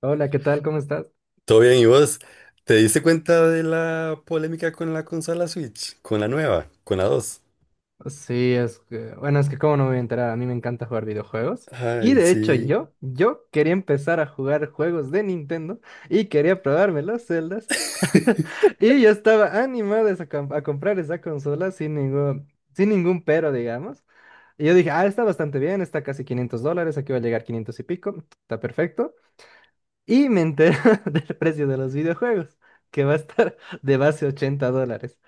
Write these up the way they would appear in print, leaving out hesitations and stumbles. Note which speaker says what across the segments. Speaker 1: Hola, ¿qué tal? ¿Cómo estás?
Speaker 2: Todo bien, ¿y vos? ¿Te diste cuenta de la polémica con la consola Switch? Con la nueva, con la dos.
Speaker 1: Sí, es que, bueno, es que cómo no me voy a enterar, a mí me encanta jugar videojuegos. Y
Speaker 2: Ay,
Speaker 1: de hecho
Speaker 2: sí.
Speaker 1: yo quería empezar a jugar juegos de Nintendo y quería probarme los celdas. Y yo estaba animado a comprar esa consola sin ningún, pero, digamos. Y yo dije, ah, está bastante bien, está casi $500, aquí va a llegar 500 y pico, está perfecto. Y me enteré del precio de los videojuegos, que va a estar de base $80.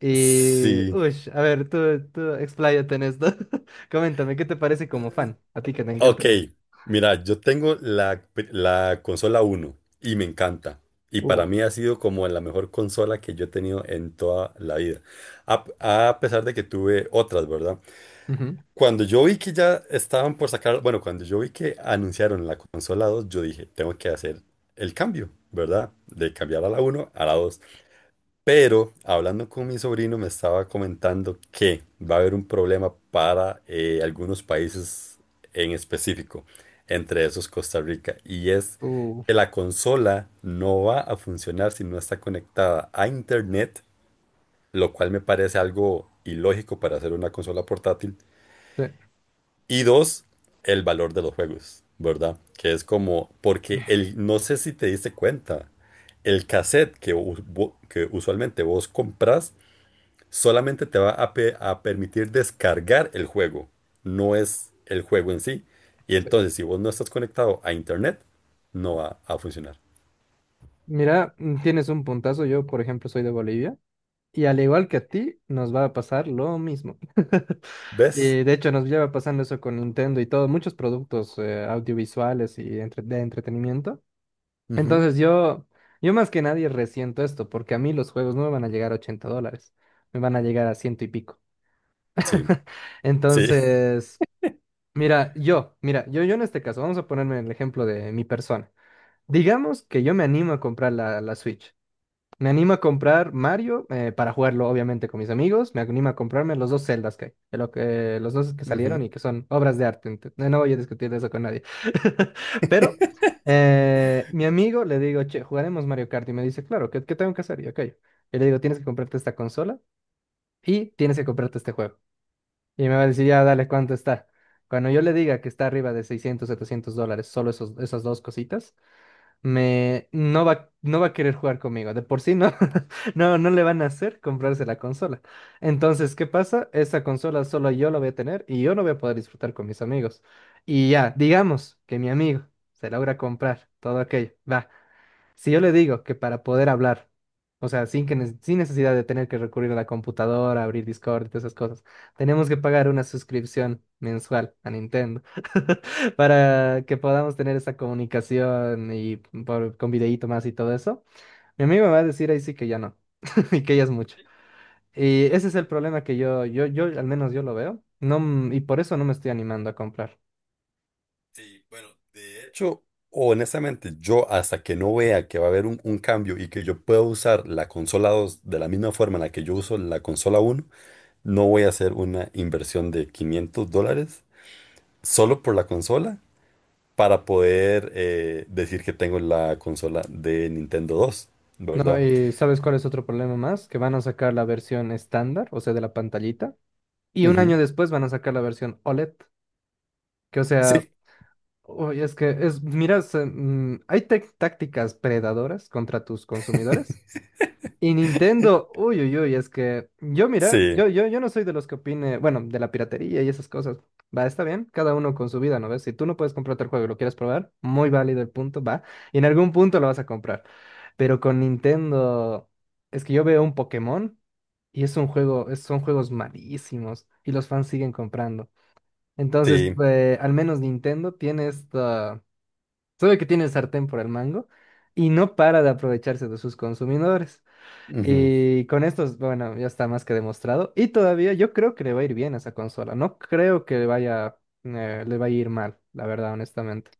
Speaker 1: Y,
Speaker 2: Sí.
Speaker 1: uy, a ver, tú expláyate en esto. Coméntame, ¿qué te parece como fan? A ti que te encanta
Speaker 2: Ok, mira, yo tengo la consola uno y me encanta. Y
Speaker 1: Uh,
Speaker 2: para mí ha sido como la mejor consola que yo he tenido en toda la vida. A, a pesar de que tuve otras, ¿verdad?
Speaker 1: ujú,
Speaker 2: Cuando yo vi que ya estaban por sacar, bueno, cuando yo vi que anunciaron la consola 2, yo dije, tengo que hacer el cambio, ¿verdad? De cambiar a la uno a la 2. Pero hablando con mi sobrino me estaba comentando que va a haber un problema para algunos países en específico, entre esos Costa Rica, y es
Speaker 1: uh,
Speaker 2: que la consola no va a funcionar si no está conectada a internet, lo cual me parece algo ilógico para hacer una consola portátil
Speaker 1: sí,
Speaker 2: y dos, el valor de los juegos, ¿verdad? Que es como, porque el, no sé si te diste cuenta, el cassette que, que usualmente vos compras solamente te va a permitir descargar el juego, no es el juego en sí. Y
Speaker 1: sí.
Speaker 2: entonces, si vos no estás conectado a internet, no va a funcionar.
Speaker 1: Mira, tienes un puntazo. Yo, por ejemplo, soy de Bolivia. Y al igual que a ti, nos va a pasar lo mismo.
Speaker 2: ¿Ves?
Speaker 1: Y, de hecho, nos lleva pasando eso con Nintendo y todo, muchos productos audiovisuales y de entretenimiento.
Speaker 2: Ujú.
Speaker 1: Entonces, yo más que nadie resiento esto, porque a mí los juegos no me van a llegar a $80, me van a llegar a ciento y pico.
Speaker 2: Sí, sí.
Speaker 1: Entonces, mira, yo en este caso, vamos a ponerme el ejemplo de mi persona. Digamos que yo me animo a comprar la Switch. Me animo a comprar Mario, para jugarlo, obviamente, con mis amigos. Me animo a comprarme los dos Zeldas que hay, los dos que salieron
Speaker 2: Ujú.
Speaker 1: y que son obras de arte. No voy a discutir de eso con nadie. Pero, mi amigo, le digo, che, jugaremos Mario Kart. Y me dice, claro, ¿qué tengo que hacer? Y yo, ok. Y le digo, tienes que comprarte esta consola y tienes que comprarte este juego. Y me va a decir, ya, dale, ¿cuánto está? Cuando yo le diga que está arriba de 600 700 dólares, solo esas dos cositas, no va a querer jugar conmigo. De por sí no, no, no le van a hacer comprarse la consola. Entonces, ¿qué pasa? Esa consola solo yo la voy a tener y yo no voy a poder disfrutar con mis amigos. Y ya, digamos que mi amigo se logra comprar todo aquello. Va. Si yo le digo que para poder hablar, o sea, sin necesidad de tener que recurrir a la computadora, abrir Discord y todas esas cosas, tenemos que pagar una suscripción mensual a Nintendo para que podamos tener esa comunicación y con videíto más y todo eso. Mi amigo me va a decir ahí sí que ya no, y que ya es mucho. Y ese es el problema que yo, al menos yo lo veo, no, y por eso no me estoy animando a comprar.
Speaker 2: Sí, bueno, de hecho, honestamente, yo hasta que no vea que va a haber un cambio y que yo pueda usar la consola 2 de la misma forma en la que yo uso la consola uno, no voy a hacer una inversión de 500 dólares solo por la consola para poder decir que tengo la consola de Nintendo dos,
Speaker 1: No,
Speaker 2: ¿verdad?
Speaker 1: y ¿sabes cuál es otro problema más? Que van a sacar la versión estándar, o sea, de la pantallita. Y un
Speaker 2: Ujú.
Speaker 1: año después van a sacar la versión OLED, que o sea,
Speaker 2: Sí,
Speaker 1: uy, hay tácticas predadoras contra tus consumidores. Y Nintendo, uy, uy, uy, es que yo, mira,
Speaker 2: sí,
Speaker 1: yo no soy de los que opine, bueno, de la piratería y esas cosas. Va, está bien, cada uno con su vida, ¿no ves? Si tú no puedes comprarte el juego y lo quieres probar, muy válido el punto, va. Y en algún punto lo vas a comprar. Pero con Nintendo, es que yo veo un Pokémon y es un juego, son juegos malísimos y los fans siguen comprando. Entonces,
Speaker 2: sí.
Speaker 1: al menos Nintendo sabe que tiene el sartén por el mango y no para de aprovecharse de sus consumidores.
Speaker 2: Ujú.
Speaker 1: Y con esto, bueno, ya está más que demostrado. Y todavía yo creo que le va a ir bien a esa consola. No creo que le vaya a ir mal, la verdad, honestamente.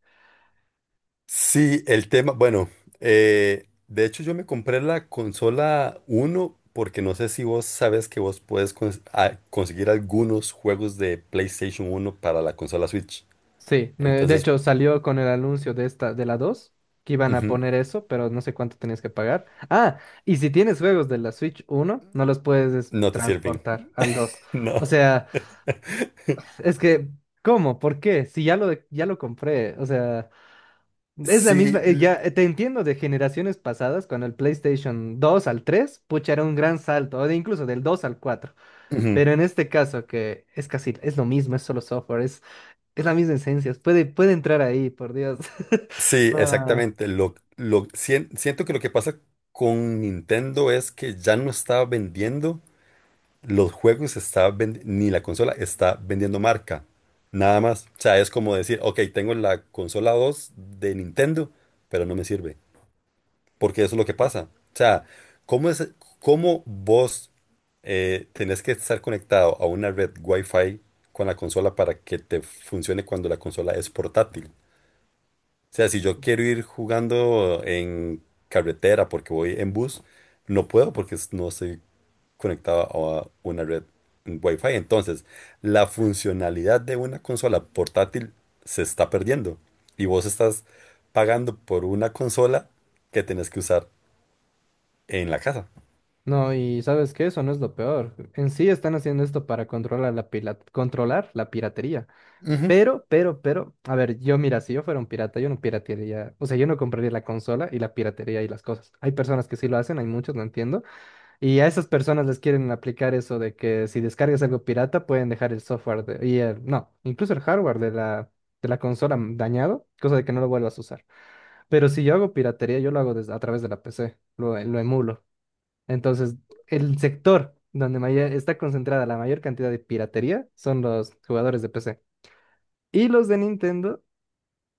Speaker 2: Sí, el tema, bueno, de hecho yo me compré la consola uno porque no sé si vos sabes que vos puedes conseguir algunos juegos de PlayStation uno para la consola Switch.
Speaker 1: Sí, de
Speaker 2: Entonces,
Speaker 1: hecho salió con el anuncio de esta, de la dos, que iban a
Speaker 2: ujú,
Speaker 1: poner eso, pero no sé cuánto tenías que pagar. Ah, y si tienes juegos de la Switch uno no los puedes
Speaker 2: no te sirven.
Speaker 1: transportar al dos.
Speaker 2: No.
Speaker 1: O sea... Es que, ¿cómo? ¿Por qué? Si ya lo compré, o sea, es la misma,
Speaker 2: Sí, l-
Speaker 1: ya, te entiendo de generaciones pasadas, cuando el PlayStation 2 al tres, pucha, era un gran salto, o de incluso del 2 al 4,
Speaker 2: ujú,
Speaker 1: pero en este caso que es casi, es lo mismo, es solo software, es la misma esencia, puede entrar ahí, por Dios.
Speaker 2: sí,
Speaker 1: Ah,
Speaker 2: exactamente. Lo, siento que lo que pasa con Nintendo es que ya no está vendiendo. Los juegos está ni la consola está vendiendo marca, nada más. O sea, es como decir, ok, tengo la consola 2 de Nintendo, pero no me sirve, porque eso es lo que pasa. O sea, ¿cómo es, cómo vos tenés que estar conectado a una red Wi-Fi con la consola para que te funcione cuando la consola es portátil? O sea, si yo quiero ir jugando en carretera porque voy en bus, no puedo porque no estoy conectado a una red Wi-Fi. Entonces, la funcionalidad de una consola portátil se está perdiendo y vos estás pagando por una consola que tenés que usar en la casa.
Speaker 1: no, y ¿sabes qué? Eso no es lo peor. En sí están haciendo esto para controlar la controlar la piratería.
Speaker 2: Ujú.
Speaker 1: Pero, a ver, yo, mira, si yo fuera un pirata, yo no piratearía, o sea, yo no compraría la consola y la piratería y las cosas. Hay personas que sí lo hacen, hay muchos, no entiendo. Y a esas personas les quieren aplicar eso de que si descargas algo pirata pueden dejar el software, y el, no, incluso el hardware de la consola dañado, cosa de que no lo vuelvas a usar. Pero si yo hago piratería, yo lo hago a través de la PC, lo emulo. Entonces, el sector donde está concentrada la mayor cantidad de piratería son los jugadores de PC. Y los de Nintendo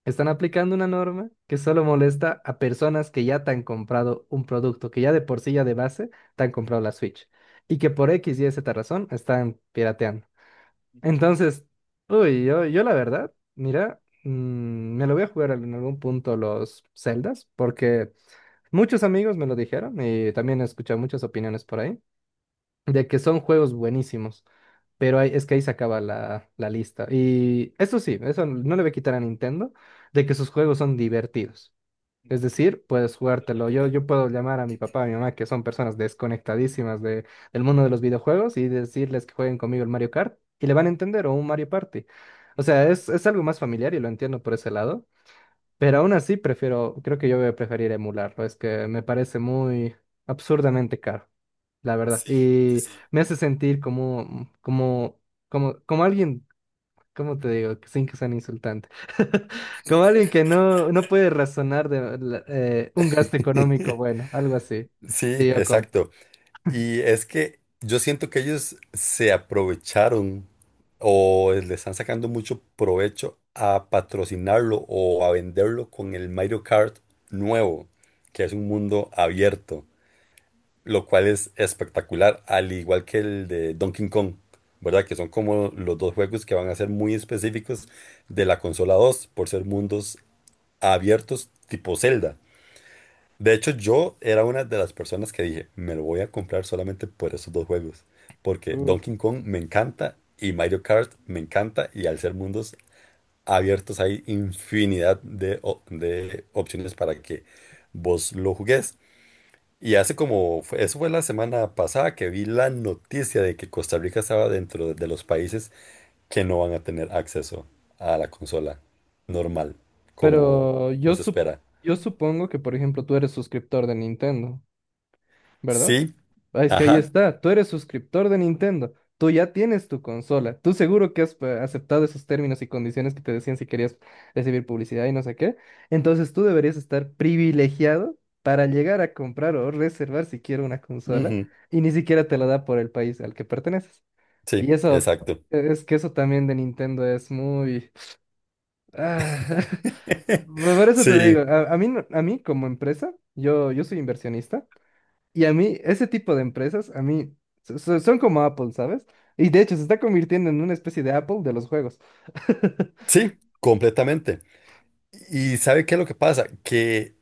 Speaker 1: están aplicando una norma que solo molesta a personas que ya te han comprado un producto, que ya de por sí, ya de base, te han comprado la Switch. Y que por X y Z razón están pirateando. Entonces, uy, yo la verdad, mira, me lo voy a jugar en algún punto los Zeldas, porque muchos amigos me lo dijeron y también he escuchado muchas opiniones por ahí de que son juegos buenísimos, pero es que ahí se acaba la lista. Y eso sí, eso no le voy a quitar a Nintendo, de que sus juegos son divertidos. Es decir, puedes jugártelo. Yo,
Speaker 2: Completamente.
Speaker 1: yo puedo llamar a mi papá, a mi mamá, que son personas desconectadísimas del mundo de los videojuegos, y decirles que jueguen conmigo el Mario Kart, y le van a entender, o un Mario Party. O
Speaker 2: Ujú.
Speaker 1: sea, es algo más familiar y lo entiendo por ese lado, pero aún así prefiero, creo que yo voy a preferir emularlo, es que me parece muy absurdamente caro, la verdad.
Speaker 2: Sí, sí,
Speaker 1: Y
Speaker 2: sí.
Speaker 1: me hace sentir como, como, alguien, ¿cómo te digo? Sin que sean insultante. Como alguien que no puede razonar de un gasto económico, bueno, algo así.
Speaker 2: Sí,
Speaker 1: Sí, yo compro.
Speaker 2: exacto. Y es que yo siento que ellos se aprovecharon o le están sacando mucho provecho a patrocinarlo o a venderlo con el Mario Kart nuevo, que es un mundo abierto, lo cual es espectacular, al igual que el de Donkey Kong, ¿verdad? Que son como los dos juegos que van a ser muy específicos de la consola 2 por ser mundos abiertos tipo Zelda. De hecho, yo era una de las personas que dije, me lo voy a comprar solamente por esos dos juegos, porque
Speaker 1: Uf.
Speaker 2: Donkey Kong me encanta y Mario Kart me encanta y al ser mundos abiertos hay infinidad de, de opciones para que vos lo jugues. Y hace como, eso fue la semana pasada que vi la noticia de que Costa Rica estaba dentro de los países que no van a tener acceso a la consola normal, como,
Speaker 1: Pero
Speaker 2: como
Speaker 1: yo,
Speaker 2: se
Speaker 1: sup-
Speaker 2: espera.
Speaker 1: yo supongo que, por ejemplo, tú eres suscriptor de Nintendo, ¿verdad?
Speaker 2: Sí,
Speaker 1: Ah, es que ahí
Speaker 2: ajá.
Speaker 1: está, tú eres suscriptor de Nintendo, tú ya tienes tu consola, tú seguro que has, aceptado esos términos y condiciones que te decían si querías recibir publicidad y no sé qué. Entonces, tú deberías estar privilegiado para llegar a comprar o reservar siquiera una consola y ni siquiera te la da por el país al que perteneces. Y
Speaker 2: Sí,
Speaker 1: eso,
Speaker 2: exacto.
Speaker 1: es que eso también de Nintendo es muy... Ah, por eso te digo,
Speaker 2: Sí,
Speaker 1: a mí, no- a mí, como empresa, yo soy inversionista. Y a mí, ese tipo de empresas, a mí, son como Apple, ¿sabes? Y de hecho, se está convirtiendo en una especie de Apple de los juegos.
Speaker 2: sí, completamente. ¿Y sabe qué es lo que pasa? Que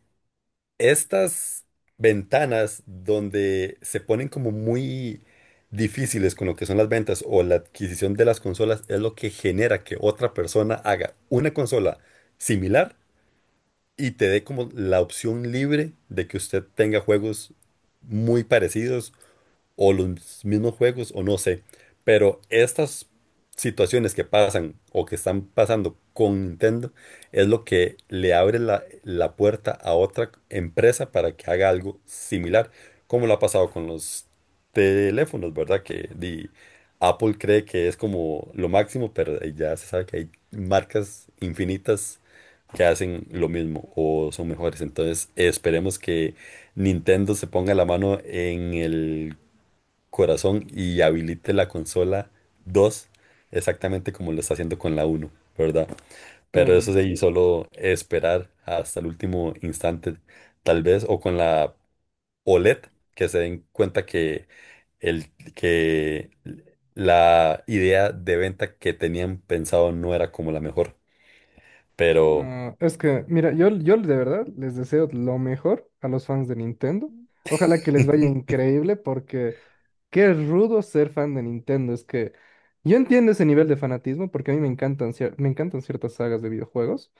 Speaker 2: estas ventanas donde se ponen como muy difíciles con lo que son las ventas o la adquisición de las consolas es lo que genera que otra persona haga una consola similar y te dé como la opción libre de que usted tenga juegos muy parecidos o los mismos juegos o no sé, pero estas situaciones que pasan o que están pasando con Nintendo es lo que le abre la puerta a otra empresa para que haga algo similar, como lo ha pasado con los teléfonos, ¿verdad? Apple cree que es como lo máximo, pero ya se sabe que hay marcas infinitas que hacen lo mismo o son mejores. Entonces esperemos que Nintendo se ponga la mano en el corazón y habilite la consola 2 exactamente como lo está haciendo con la uno, ¿verdad?
Speaker 1: Sí,
Speaker 2: Pero eso sí, solo esperar hasta el último instante, tal vez, o con la OLED, que se den cuenta que la idea de venta que tenían pensado no era como la mejor, pero.
Speaker 1: no, es que, mira, yo de verdad les deseo lo mejor a los fans de Nintendo. Ojalá que les vaya increíble porque qué rudo ser fan de Nintendo. Es que yo entiendo ese nivel de fanatismo porque a mí me encantan, me encantan ciertas sagas de videojuegos,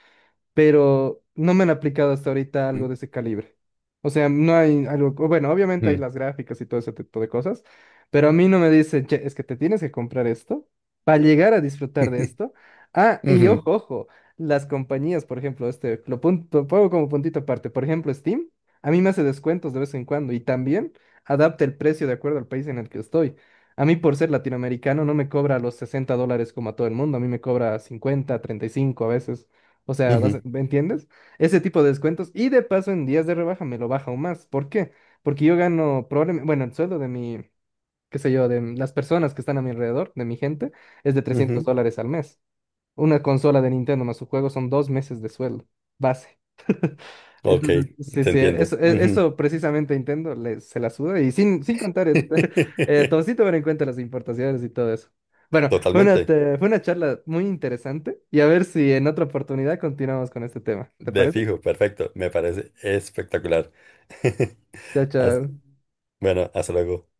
Speaker 1: pero no me han aplicado hasta ahorita algo de ese calibre. O sea, no hay algo, o bueno, obviamente hay
Speaker 2: Ujú,
Speaker 1: las gráficas y todo ese tipo de cosas, pero a mí no me dicen, che, es que te tienes que comprar esto para llegar a disfrutar de esto. Ah, y
Speaker 2: ujú,
Speaker 1: ojo, ojo, las compañías, por ejemplo, este, lo punto, pongo como puntito aparte, por ejemplo, Steam, a mí me hace descuentos de vez en cuando y también adapta el precio de acuerdo al país en el que estoy. A mí, por ser latinoamericano, no me cobra los $60 como a todo el mundo, a mí me cobra cincuenta, treinta y cinco a veces. O sea,
Speaker 2: ujú,
Speaker 1: ¿me entiendes? Ese tipo de descuentos. Y de paso, en días de rebaja me lo baja aún más. ¿Por qué? Porque yo gano probablemente, bueno, el sueldo de mi, qué sé yo, de las personas que están a mi alrededor, de mi gente, es de trescientos
Speaker 2: ujú.
Speaker 1: dólares al mes. Una consola de Nintendo más su juego son 2 meses de sueldo. Base.
Speaker 2: Ok,
Speaker 1: Entonces, sí,
Speaker 2: te
Speaker 1: sí,
Speaker 2: entiendo. Ujú.
Speaker 1: eso precisamente Nintendo, se la suda, y sin, contar, todo sí tomar en cuenta las importaciones y todo eso. Bueno, fue una,
Speaker 2: Totalmente.
Speaker 1: te- fue una charla muy interesante y a ver si en otra oportunidad continuamos con este tema. ¿Te
Speaker 2: De
Speaker 1: parece?
Speaker 2: fijo, perfecto. Me parece espectacular.
Speaker 1: Chao,
Speaker 2: Haz-
Speaker 1: chao.
Speaker 2: Bueno, hasta luego.